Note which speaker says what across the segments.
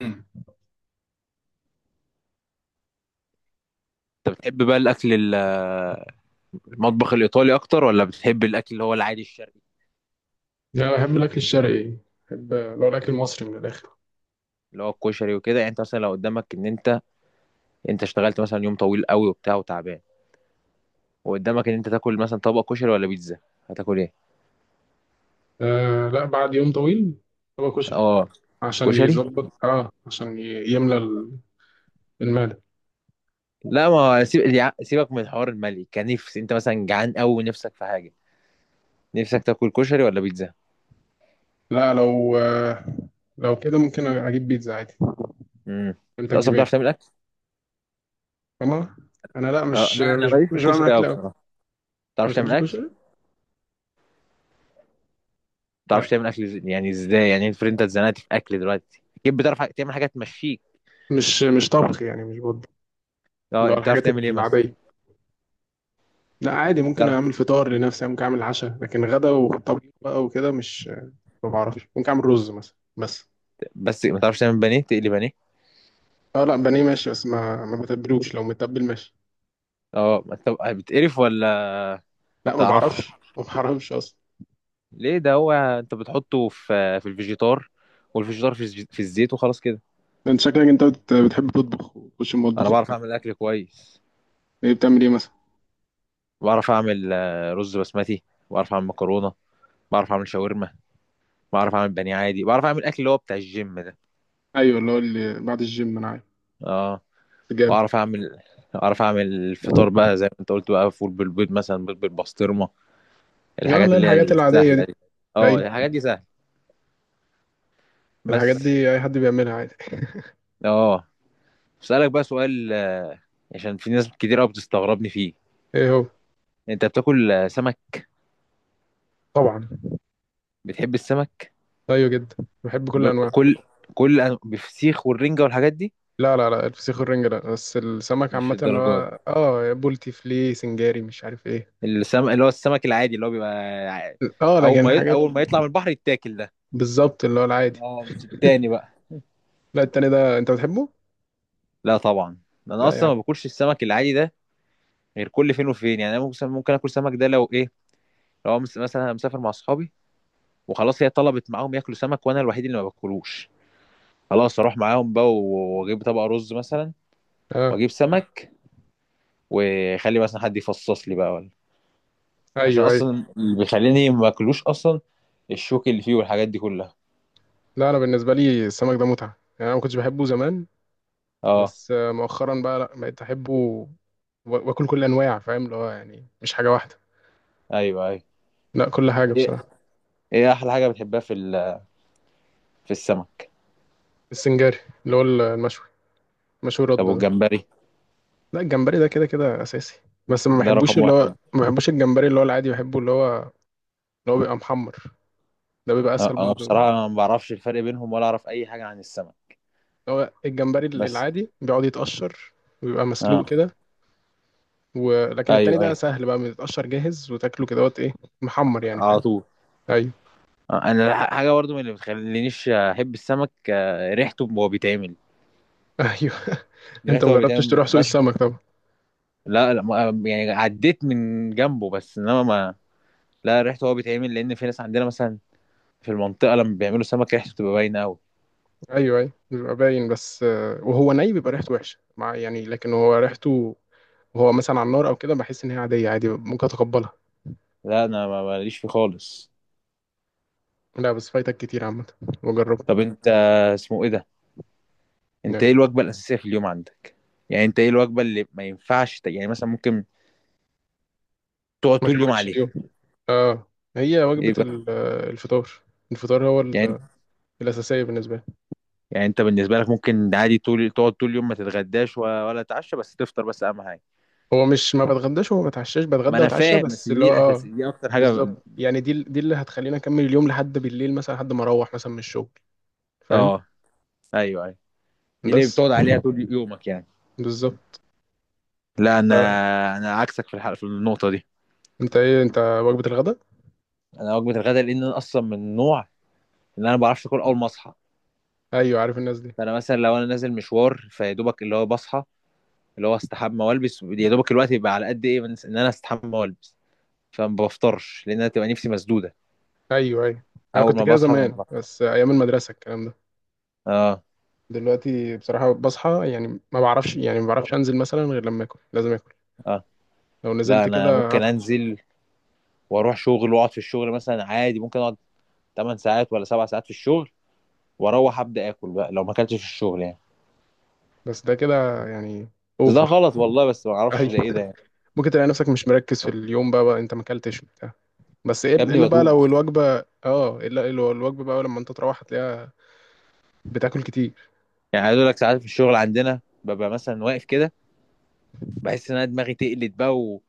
Speaker 1: مم.
Speaker 2: انت بتحب بقى المطبخ الايطالي اكتر ولا بتحب الاكل اللي هو العادي الشرقي؟
Speaker 1: لا، أنا بحب الأكل الشرقي. بحب لو الأكل المصري من الآخر.
Speaker 2: اللي هو الكشري وكده، يعني انت مثلا لو قدامك ان انت اشتغلت مثلا يوم طويل قوي وبتاع وتعبان، وقدامك ان انت تاكل مثلا طبق كشري ولا بيتزا، هتاكل ايه؟
Speaker 1: آه لا، بعد يوم طويل هو كشري.
Speaker 2: اه،
Speaker 1: عشان
Speaker 2: كشري.
Speaker 1: يظبط، عشان يملى المعدة.
Speaker 2: لا، ما سيب... يا- سيبك من الحوار المالي، كنفس انت مثلا جعان قوي ونفسك في حاجه، نفسك تاكل كشري ولا بيتزا؟
Speaker 1: لا، لو كده ممكن أجيب بيتزا عادي.
Speaker 2: امم
Speaker 1: أنت
Speaker 2: انت
Speaker 1: تجيب
Speaker 2: اصلا بتعرف
Speaker 1: إيه؟
Speaker 2: تعمل اكل؟
Speaker 1: والله أنا لا،
Speaker 2: اه،
Speaker 1: مش
Speaker 2: لا انا
Speaker 1: مش
Speaker 2: ماليش في
Speaker 1: مش بعمل
Speaker 2: الكشري
Speaker 1: أكل
Speaker 2: قوي
Speaker 1: أوي.
Speaker 2: بصراحه.
Speaker 1: ما
Speaker 2: بتعرف
Speaker 1: بتحبش
Speaker 2: تعمل اكل؟
Speaker 1: الكشري؟ لا،
Speaker 2: يعني ازاي؟ يعني افرض انت اتزنقت في اكل دلوقتي، اكيد بتعرف تعمل حاجه تمشيك.
Speaker 1: مش طبخ يعني، مش بط اللي
Speaker 2: اه،
Speaker 1: هو
Speaker 2: بتعرف
Speaker 1: الحاجات
Speaker 2: تعمل ايه مثلا؟
Speaker 1: العادية. لا عادي، ممكن
Speaker 2: بتعرف،
Speaker 1: أعمل فطار لنفسي، ممكن أعمل عشاء، لكن غدا وطبيخ بقى وكده مش. ما بعرفش، ممكن أعمل رز مثلا بس.
Speaker 2: بس ما تعرفش تعمل بانيه؟ تقلي بانيه؟
Speaker 1: اه لا، بانيه ماشي، بس ما بتبلوش، لو متبل ماشي.
Speaker 2: اه، ما انت بتقرف ولا ما
Speaker 1: لا ما
Speaker 2: بتعرفش؟
Speaker 1: بعرفش، ما بعرفش اصلا.
Speaker 2: ليه؟ ده هو انت بتحطه في الفيجيتار، والفيجيتار في الزيت، وخلاص كده.
Speaker 1: انت شكلك انت بتحب تطبخ وتخش
Speaker 2: انا
Speaker 1: المطبخ
Speaker 2: بعرف
Speaker 1: وبتاع.
Speaker 2: اعمل اكل كويس.
Speaker 1: ايه بتعمل ايه مثلا؟
Speaker 2: بعرف اعمل رز بسمتي، بعرف اعمل مكرونه، بعرف اعمل شاورما، بعرف اعمل بانيه عادي، بعرف اعمل اكل اللي هو بتاع الجيم ده.
Speaker 1: ايوه، اللي هو اللي بعد الجيم انا عارف.
Speaker 2: اه.
Speaker 1: جامد.
Speaker 2: واعرف اعمل، اعرف اعمل الفطار بقى زي ما انت قلت، بقى فول بالبيض مثلا، بيض بالبسطرمه،
Speaker 1: اه
Speaker 2: الحاجات
Speaker 1: لا،
Speaker 2: اللي هي
Speaker 1: الحاجات العاديه دي.
Speaker 2: السهله دي. اه،
Speaker 1: ايوه،
Speaker 2: الحاجات دي سهله،
Speaker 1: الحاجات
Speaker 2: بس.
Speaker 1: دي اي حد بيعملها عادي.
Speaker 2: اه، اسالك بقى سؤال، عشان في ناس كتير قوي بتستغربني فيه،
Speaker 1: ايه هو؟
Speaker 2: انت بتاكل سمك؟
Speaker 1: طبعا.
Speaker 2: بتحب السمك؟
Speaker 1: ايوه جدا. بحب كل
Speaker 2: ب...
Speaker 1: انواع.
Speaker 2: كل كل أن- بفسيخ والرنجة والحاجات دي؟
Speaker 1: لا لا لا، الفسيخ والرنجة لا، بس السمك
Speaker 2: مش
Speaker 1: عامة اللي
Speaker 2: الدرجات دي.
Speaker 1: هو بولتي، فليه، سنجاري، مش عارف ايه.
Speaker 2: اللي هو السمك العادي اللي هو بيبقى، ع-
Speaker 1: اه لكن حاجات.
Speaker 2: اول ما يطلع من البحر يتاكل، ده.
Speaker 1: بالظبط اللي هو العادي.
Speaker 2: اه، مش التاني بقى.
Speaker 1: لا التاني ده انت بتحبه؟
Speaker 2: لا طبعا، انا
Speaker 1: لا يا
Speaker 2: اصلا
Speaker 1: عم.
Speaker 2: ما باكلش السمك العادي ده غير كل فين وفين، يعني انا ممكن اكل سمك ده لو ايه، لو مثلا أنا مسافر مع اصحابي وخلاص، هي طلبت معاهم ياكلوا سمك وانا الوحيد اللي ما باكلوش، خلاص اروح معاهم بقى واجيب طبق رز مثلا،
Speaker 1: اه.
Speaker 2: واجيب سمك واخلي مثلا حد يفصص لي بقى ولا. عشان
Speaker 1: ايوه ايوه.
Speaker 2: اصلا اللي بيخليني ما اكلوش اصلا الشوك اللي فيه والحاجات دي كلها.
Speaker 1: لا، انا بالنسبه لي السمك ده متعه. يعني انا ما كنتش بحبه زمان،
Speaker 2: اه،
Speaker 1: بس مؤخرا بقى لا بقيت احبه واكل كل انواع، فاهم، اللي هو يعني مش حاجه واحده.
Speaker 2: ايوه، ايوه.
Speaker 1: لا كل حاجه
Speaker 2: ايه،
Speaker 1: بصراحه.
Speaker 2: احلى حاجه بتحبها في في السمك؟
Speaker 1: السنجاري، اللي هو المشوي. مشوي
Speaker 2: طب
Speaker 1: رده ده.
Speaker 2: والجمبري؟
Speaker 1: لا الجمبري ده كده كده اساسي. بس ما
Speaker 2: ده
Speaker 1: بحبوش،
Speaker 2: رقم
Speaker 1: اللي هو
Speaker 2: واحد.
Speaker 1: ما بحبوش الجمبري اللي هو العادي، بحبه اللي هو اللي هو بيبقى محمر. ده بيبقى اسهل
Speaker 2: انا
Speaker 1: برضو، اللي
Speaker 2: بصراحه ما بعرفش الفرق بينهم ولا اعرف اي حاجه عن السمك،
Speaker 1: هو الجمبري
Speaker 2: بس.
Speaker 1: العادي بيقعد يتقشر ويبقى مسلوق
Speaker 2: اه،
Speaker 1: كده. ولكن التاني
Speaker 2: ايوه،
Speaker 1: ده
Speaker 2: ايوه،
Speaker 1: سهل بقى، بيتقشر جاهز وتاكله كده وقت ايه. محمر يعني
Speaker 2: على
Speaker 1: فاهم.
Speaker 2: طول.
Speaker 1: ايوه
Speaker 2: انا، حاجه برضو من اللي بتخلينيش احب السمك، ريحته وهو بيتعمل،
Speaker 1: ايوه. انت مجربتش
Speaker 2: ما
Speaker 1: تروح سوق
Speaker 2: بتبقاش.
Speaker 1: السمك؟ طبعا.
Speaker 2: لا، لا، يعني عديت من جنبه بس انما ما. لا، ريحته هو بيتعمل، لان في ناس عندنا مثلا في المنطقه لما بيعملوا سمك ريحته بتبقى باينه قوي.
Speaker 1: ايوه ايوه بيبقى باين، بس وهو بيبقى ريحته وحشه مع يعني، لكن هو ريحته وهو مثلا على النار او كده بحس ان هي عاديه، عادي ممكن اتقبلها.
Speaker 2: لا انا، ماليش فيه خالص.
Speaker 1: لا بس فايتك كتير عامه، وجربه.
Speaker 2: طب انت، اسمه ايه ده؟ انت
Speaker 1: لا،
Speaker 2: ايه الوجبه الاساسيه في اليوم عندك؟ يعني انت ايه الوجبه اللي ما ينفعش يعني، مثلا ممكن تقعد
Speaker 1: ما
Speaker 2: طول اليوم
Speaker 1: كملتش
Speaker 2: عليها؟
Speaker 1: اليوم. اه، هي
Speaker 2: ايه
Speaker 1: وجبه
Speaker 2: بقى؟
Speaker 1: الفطار. الفطار هو
Speaker 2: يعني،
Speaker 1: الاساسيه بالنسبه لي.
Speaker 2: انت بالنسبه لك ممكن عادي طول تقعد طول اليوم ما تتغداش ولا تتعشى، بس تفطر بس اهم حاجه؟
Speaker 1: هو مش ما بتغداش وما بتعشاش،
Speaker 2: ما
Speaker 1: بتغدى
Speaker 2: انا
Speaker 1: واتعشى،
Speaker 2: فاهم، بس
Speaker 1: بس اللي
Speaker 2: دي
Speaker 1: هو
Speaker 2: الاساسيه، دي اكتر حاجه
Speaker 1: بالظبط يعني، دي اللي هتخليني اكمل اليوم لحد بالليل مثلا، لحد ما اروح مثلا من الشغل، فاهم.
Speaker 2: اه. ايوه، ايوه، دي اللي
Speaker 1: بس
Speaker 2: بتقعد عليها طول يومك يعني.
Speaker 1: بالظبط.
Speaker 2: لا انا، عكسك في الحلقه، في النقطه دي.
Speaker 1: انت ايه انت وجبة الغداء؟
Speaker 2: انا وجبه الغداء لان انا اصلا من النوع ان انا ما بعرفش اكل اول ما اصحى،
Speaker 1: ايوه، عارف الناس دي.
Speaker 2: فانا مثلا لو انا نازل مشوار، فيا دوبك اللي هو بصحى، اللي هو استحمى والبس، يا دوبك الوقت يبقى على قد ايه من ان انا استحمى والبس، فما بفطرش لان انا تبقى نفسي مسدوده.
Speaker 1: ايوه ايوه. انا
Speaker 2: اول
Speaker 1: كنت
Speaker 2: ما
Speaker 1: كده
Speaker 2: بصحى ما
Speaker 1: زمان
Speaker 2: بفطر.
Speaker 1: بس ايام المدرسة الكلام ده.
Speaker 2: اه.
Speaker 1: دلوقتي بصراحة بصحى، يعني ما بعرفش، يعني ما بعرفش انزل مثلا غير لما اكل، لازم اكل.
Speaker 2: اه،
Speaker 1: لو
Speaker 2: لا
Speaker 1: نزلت
Speaker 2: انا
Speaker 1: كده
Speaker 2: ممكن
Speaker 1: هتعب.
Speaker 2: انزل واروح شغل واقعد في الشغل مثلا عادي، ممكن اقعد 8 ساعات ولا 7 ساعات في الشغل، واروح ابدا اكل بقى لو ما اكلتش في الشغل يعني.
Speaker 1: بس ده كده يعني
Speaker 2: بس ده
Speaker 1: اوفر.
Speaker 2: غلط والله، بس ما اعرفش ده ايه ده
Speaker 1: ايوه.
Speaker 2: يعني.
Speaker 1: ممكن تلاقي نفسك مش مركز في اليوم بقى، انت ما اكلتش وبتاع. بس ايه-
Speaker 2: يا ابني
Speaker 1: الا بقى لو
Speaker 2: بدوخ،
Speaker 1: الوجبة اه الا لو الوجبة بقى لما انت تروح هتلاقيها، بتاكل كتير.
Speaker 2: يعني عايز اقول لك ساعات في الشغل عندنا ببقى مثلا واقف كده، بحس ان انا دماغي تقلت بقى،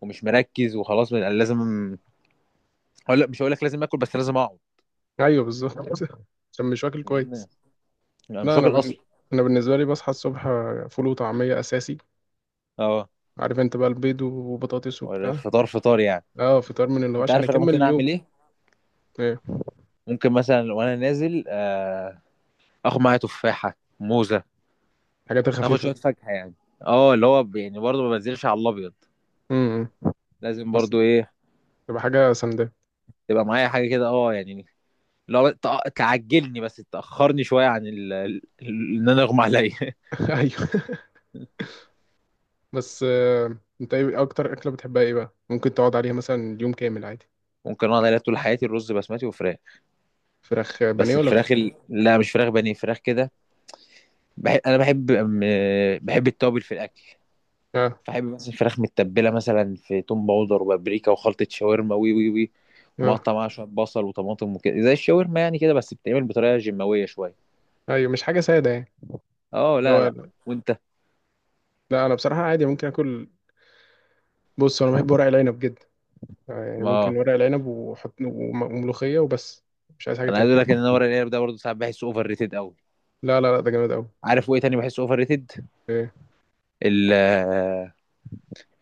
Speaker 2: ومش مركز، وخلاص بقى لازم، هقول لك مش هقول لك لازم اكل، بس لازم اقعد،
Speaker 1: ايوه بالظبط. عشان مش واكل
Speaker 2: لان
Speaker 1: كويس.
Speaker 2: انا مش
Speaker 1: لا انا
Speaker 2: واكل اصلا.
Speaker 1: انا بالنسبة لي بصحى الصبح، فول وطعمية اساسي.
Speaker 2: اه،
Speaker 1: عارف انت بقى البيض وبطاطس وبتاع.
Speaker 2: فطار، فطار يعني.
Speaker 1: اه فطار، من اللي هو
Speaker 2: انت
Speaker 1: عشان
Speaker 2: عارف انا
Speaker 1: اكمل
Speaker 2: ممكن
Speaker 1: اليوم.
Speaker 2: اعمل ايه؟
Speaker 1: ايه؟
Speaker 2: ممكن مثلا وانا نازل، اخد معايا تفاحه، موزه،
Speaker 1: الحاجات
Speaker 2: اخد
Speaker 1: الخفيفه
Speaker 2: شويه
Speaker 1: دي.
Speaker 2: فاكهه يعني. اه، اللي هو يعني برضه ما بنزلش على الابيض،
Speaker 1: امم.
Speaker 2: لازم
Speaker 1: بس
Speaker 2: برضه ايه
Speaker 1: تبقى حاجه سندال.
Speaker 2: تبقى معايا حاجه، كده اه يعني، لو تعجلني بس تاخرني شويه عن ان انا اغمى عليا
Speaker 1: ايوه. بس انت ايه اكتر اكله بتحبها، ايه بقى ممكن تقعد عليها مثلا يوم كامل عادي؟
Speaker 2: ممكن اقعد عليها طول حياتي، الرز بسمتي وفراخ.
Speaker 1: فراخ بانيه
Speaker 2: بس
Speaker 1: ولا
Speaker 2: الفراخ، لا مش فراخ بانيه، فراخ كده، انا بحب التوابل في الاكل.
Speaker 1: اه.
Speaker 2: فاحب مثلا فراخ متبله مثلا في توم باودر وبابريكا وخلطه شاورما، وي وي وي،
Speaker 1: اه.
Speaker 2: ومقطع معاها شويه بصل وطماطم وكده زي الشاورما يعني كده، بس بتتعمل بطريقه جماويه شويه.
Speaker 1: ايوه مش حاجه ساده يعني،
Speaker 2: اه،
Speaker 1: اللي
Speaker 2: لا،
Speaker 1: هو.
Speaker 2: لا. وانت؟
Speaker 1: لا، انا بصراحه عادي ممكن اكل. بص، انا بحب ورق العنب جدا. يعني
Speaker 2: ما
Speaker 1: ممكن ورق العنب وحط وملوخيه وبس. مش عايز حاجه
Speaker 2: انا
Speaker 1: تاني.
Speaker 2: عايز اقول لك ان انا ورق العنب ده برضه ساعات بحسه اوفر ريتد قوي.
Speaker 1: لا لا لا، ده جامد قوي.
Speaker 2: عارف وايه تاني بحسه اوفر ريتد؟ ال- آه،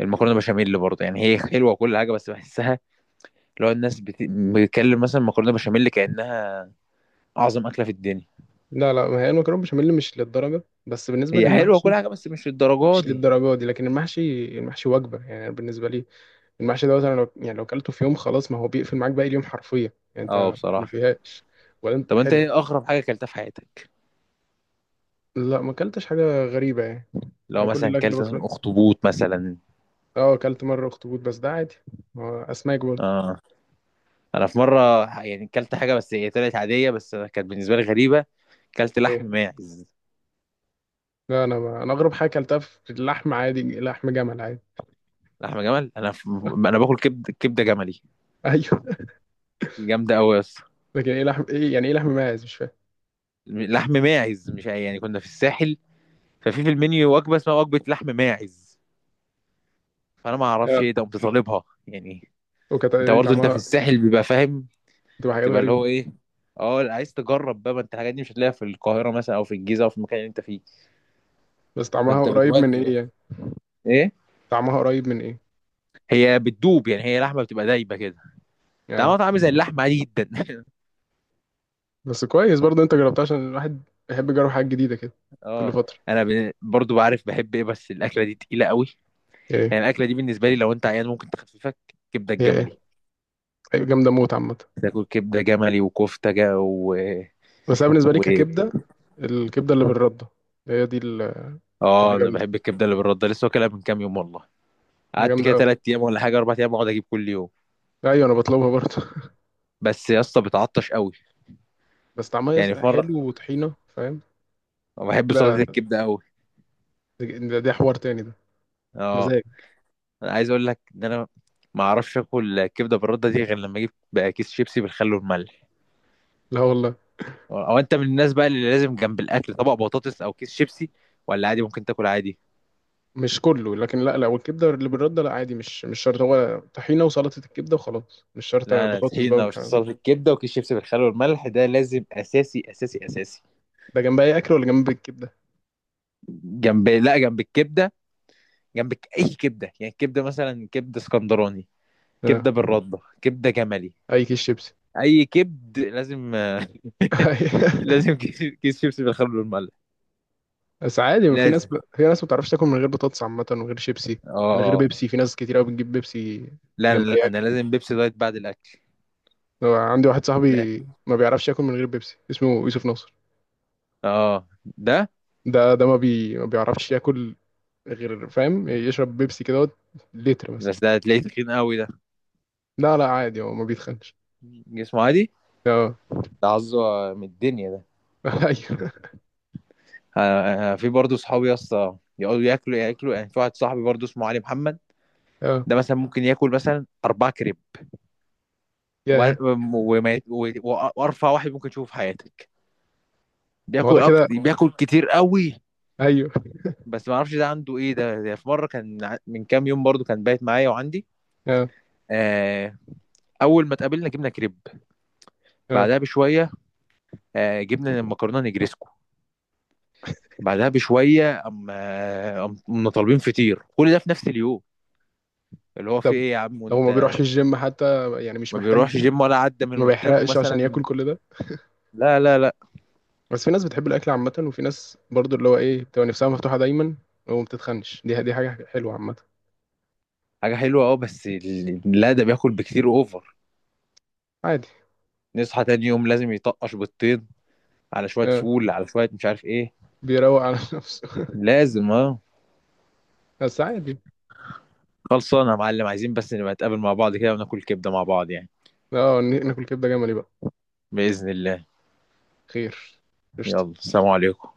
Speaker 2: المكرونه بشاميل برضه، يعني هي حلوه وكل حاجه بس بحسها، لو الناس بتتكلم مثلا مكرونه بشاميل كانها اعظم اكله في الدنيا.
Speaker 1: لا لا، ما هي المكرونه بشاميل مش للدرجه، بس بالنسبه
Speaker 2: هي حلوه
Speaker 1: للمحشي
Speaker 2: كل حاجه بس مش الدرجه
Speaker 1: مش
Speaker 2: دي.
Speaker 1: للدرجه دي. لكن المحشي، المحشي وجبه يعني بالنسبه لي. المحشي دوت، انا لو يعني لو اكلته في يوم، خلاص ما هو بيقفل معاك باقي اليوم حرفيا، يعني
Speaker 2: اه
Speaker 1: انت ما
Speaker 2: بصراحه.
Speaker 1: فيهاش. ولا انت
Speaker 2: طب انت
Speaker 1: حلو.
Speaker 2: ايه اغرب حاجه اكلتها في حياتك؟
Speaker 1: لا ما اكلتش حاجه غريبه يعني.
Speaker 2: لو
Speaker 1: انا كل
Speaker 2: مثلا
Speaker 1: الاكل اللي
Speaker 2: اكلت مثلا
Speaker 1: باكله.
Speaker 2: اخطبوط مثلا.
Speaker 1: اه اكلت مره اخطبوط، بس ده عادي، هو اسماك برضه.
Speaker 2: اه، انا في مره، يعني اكلت حاجه بس هي طلعت عاديه، بس كانت بالنسبه لي غريبه، اكلت لحم
Speaker 1: ايه.
Speaker 2: ماعز.
Speaker 1: لا انا ما... انا اغرب حاجه اكلتها في اللحم، عادي لحم جمل عادي.
Speaker 2: لحم جمل؟ انا انا باكل كبده جملي،
Speaker 1: ايوه.
Speaker 2: جامده قوي يا اسطى.
Speaker 1: لكن ايه لحم، ايه يعني ايه لحم ماعز مش فاهم.
Speaker 2: لحم ماعز مش يعني، كنا في الساحل، ففي المنيو وجبه اسمها وجبه لحم ماعز، فانا ما اعرفش
Speaker 1: اه
Speaker 2: ايه ده قمت طالبها يعني.
Speaker 1: وكانت
Speaker 2: انت
Speaker 1: دي
Speaker 2: برضه انت في
Speaker 1: طعمها.
Speaker 2: الساحل بيبقى فاهم،
Speaker 1: بتبقى حاجات
Speaker 2: تبقى اللي
Speaker 1: غريبه.
Speaker 2: هو ايه، اه لا، عايز تجرب بقى، ما انت الحاجات دي مش هتلاقيها في القاهره مثلا او في الجيزه او في المكان اللي انت فيه،
Speaker 1: بس طعمها
Speaker 2: فانت
Speaker 1: قريب من
Speaker 2: بتودي
Speaker 1: ايه
Speaker 2: بقى.
Speaker 1: يعني؟
Speaker 2: ايه؟
Speaker 1: طعمها قريب من ايه؟
Speaker 2: هي بتدوب، يعني هي لحمه بتبقى دايبه كده،
Speaker 1: يعني
Speaker 2: طعمها طعم زي اللحمه عادي جدا
Speaker 1: بس كويس برضه انت جربتها، عشان الواحد بيحب يجرب حاجات جديدة كده كل
Speaker 2: اه،
Speaker 1: فترة.
Speaker 2: انا، برضو بعرف بحب ايه، بس الاكله دي تقيله قوي،
Speaker 1: ايه
Speaker 2: يعني الاكله دي بالنسبه لي لو انت عيان ممكن تخففك، كبده
Speaker 1: هي؟ ايه
Speaker 2: الجملي.
Speaker 1: هي جامدة موت عامة.
Speaker 2: تاكل كبده جملي وكفته جا
Speaker 1: بس انا بالنسبة لي
Speaker 2: و...
Speaker 1: ككبدة، الكبدة اللي بالردة هي دي
Speaker 2: اه.
Speaker 1: اللي
Speaker 2: انا
Speaker 1: جامدة،
Speaker 2: بحب الكبده اللي بالرده لسه، واكلها من كام يوم والله، قعدت
Speaker 1: جامدة
Speaker 2: كده
Speaker 1: قوي.
Speaker 2: 3 ايام ولا حاجه 4 ايام اقعد اجيب كل يوم،
Speaker 1: ايوه انا بطلبها برضه.
Speaker 2: بس يا اسطى بتعطش قوي.
Speaker 1: بس طعمها
Speaker 2: يعني في مره،
Speaker 1: حلو وطحينة فاهم
Speaker 2: بحب سلطه
Speaker 1: كده.
Speaker 2: الكبده قوي.
Speaker 1: ده حوار تاني ده.
Speaker 2: اه،
Speaker 1: مزاج.
Speaker 2: انا عايز اقول لك ان انا ما اعرفش اكل كبده بالرده دي غير لما اجيب بقى كيس شيبسي بالخل والملح.
Speaker 1: لا والله.
Speaker 2: أو انت من الناس بقى اللي لازم جنب الاكل طبق بطاطس او كيس شيبسي، ولا عادي ممكن تاكل عادي؟
Speaker 1: مش كله، لكن لا لا، والكبدة اللي بالردة لا عادي، مش شرط، هو طحينة وسلطة الكبدة وخلاص، مش شرط
Speaker 2: لا، انا
Speaker 1: بطاطس بقى
Speaker 2: طحينه
Speaker 1: والكلام ده.
Speaker 2: وسلطه الكبده وكيس شيبسي بالخل والملح ده لازم، اساسي اساسي اساسي.
Speaker 1: ده جنب اي اكل ولا جنب الكبدة؟
Speaker 2: جنب، لا جنب الكبده، جنب اي كبده يعني، كبده مثلا، كبده اسكندراني،
Speaker 1: آه.
Speaker 2: كبده بالرده، كبده جملي،
Speaker 1: اي كيس شيبسي.
Speaker 2: اي كبد لازم لازم كيس شيبسي بالخل والملح،
Speaker 1: بس عادي، ما في ناس
Speaker 2: لازم.
Speaker 1: في ناس ما بتعرفش تاكل من غير بطاطس عامة ومن غير شيبسي، من غير
Speaker 2: اه، اه.
Speaker 1: بيبسي. في ناس كتير قوي بتجيب بيبسي
Speaker 2: لا
Speaker 1: جنب
Speaker 2: انا،
Speaker 1: اي اكل.
Speaker 2: لازم بيبسي دايت بعد الاكل.
Speaker 1: هو عندي واحد
Speaker 2: لا
Speaker 1: صاحبي ما بيعرفش ياكل من غير بيبسي، اسمه يوسف ناصر.
Speaker 2: اه، ده،
Speaker 1: ده ده ما بي ما بيعرفش ياكل غير فاهم، يشرب بيبسي كده لتر مثلا.
Speaker 2: بس ده هتلاقيه تخين قوي، ده
Speaker 1: لا لا عادي، هو ما بيتخنش.
Speaker 2: جسمه عادي،
Speaker 1: اه.
Speaker 2: ده عظه من الدنيا ده.
Speaker 1: ايوه.
Speaker 2: في برضه صحابي يا اسطى يقعدوا ياكلوا ياكلوا، يعني في واحد صاحبي برضه اسمه علي محمد،
Speaker 1: اه
Speaker 2: ده مثلا ممكن ياكل مثلا اربع كريب، وما
Speaker 1: يا.
Speaker 2: وما يت- و- و- وارفع واحد ممكن تشوفه في حياتك،
Speaker 1: ما هو
Speaker 2: بياكل
Speaker 1: ده
Speaker 2: أكتر،
Speaker 1: كده.
Speaker 2: بياكل كتير قوي.
Speaker 1: ايوه.
Speaker 2: بس ما اعرفش ده عنده ايه ده, في مره كان من كام يوم برضه كان بايت معايا وعندي.
Speaker 1: اه
Speaker 2: آه اول ما اتقابلنا جبنا كريب،
Speaker 1: اه.
Speaker 2: بعدها بشويه جبنا المكرونه نجريسكو، بعدها بشويه اما كنا طالبين فطير، كل ده في نفس اليوم، اللي هو في
Speaker 1: طب
Speaker 2: ايه يا عم؟
Speaker 1: لو
Speaker 2: وانت
Speaker 1: ما بيروحش الجيم حتى، يعني مش
Speaker 2: ما
Speaker 1: محتاج.
Speaker 2: بيروحش جيم ولا عدى من
Speaker 1: ما
Speaker 2: قدامه
Speaker 1: بيحرقش عشان
Speaker 2: مثلا؟
Speaker 1: ياكل كل ده.
Speaker 2: لا، لا، لا،
Speaker 1: بس في ناس بتحب الاكل عامه، وفي ناس برضو اللي هو ايه بتبقى نفسها مفتوحه دايما وما بتتخنش، دي حاجه حلوه عامه.
Speaker 2: حاجه حلوه اه، بس لا ده بياكل بكتير اوفر،
Speaker 1: عادي.
Speaker 2: نصحى تاني يوم لازم يطقش بالطين على شويه
Speaker 1: آه،
Speaker 2: فول، على شويه مش عارف ايه،
Speaker 1: بيروق على نفسه.
Speaker 2: لازم اه.
Speaker 1: بس عادي.
Speaker 2: خلصانه يا معلم، عايزين بس نبقى نتقابل مع بعض كده وناكل كبده مع بعض يعني.
Speaker 1: اه ناكل كبده جملي بقى.
Speaker 2: باذن الله.
Speaker 1: خير. قشطه.
Speaker 2: يلا، سلام عليكم.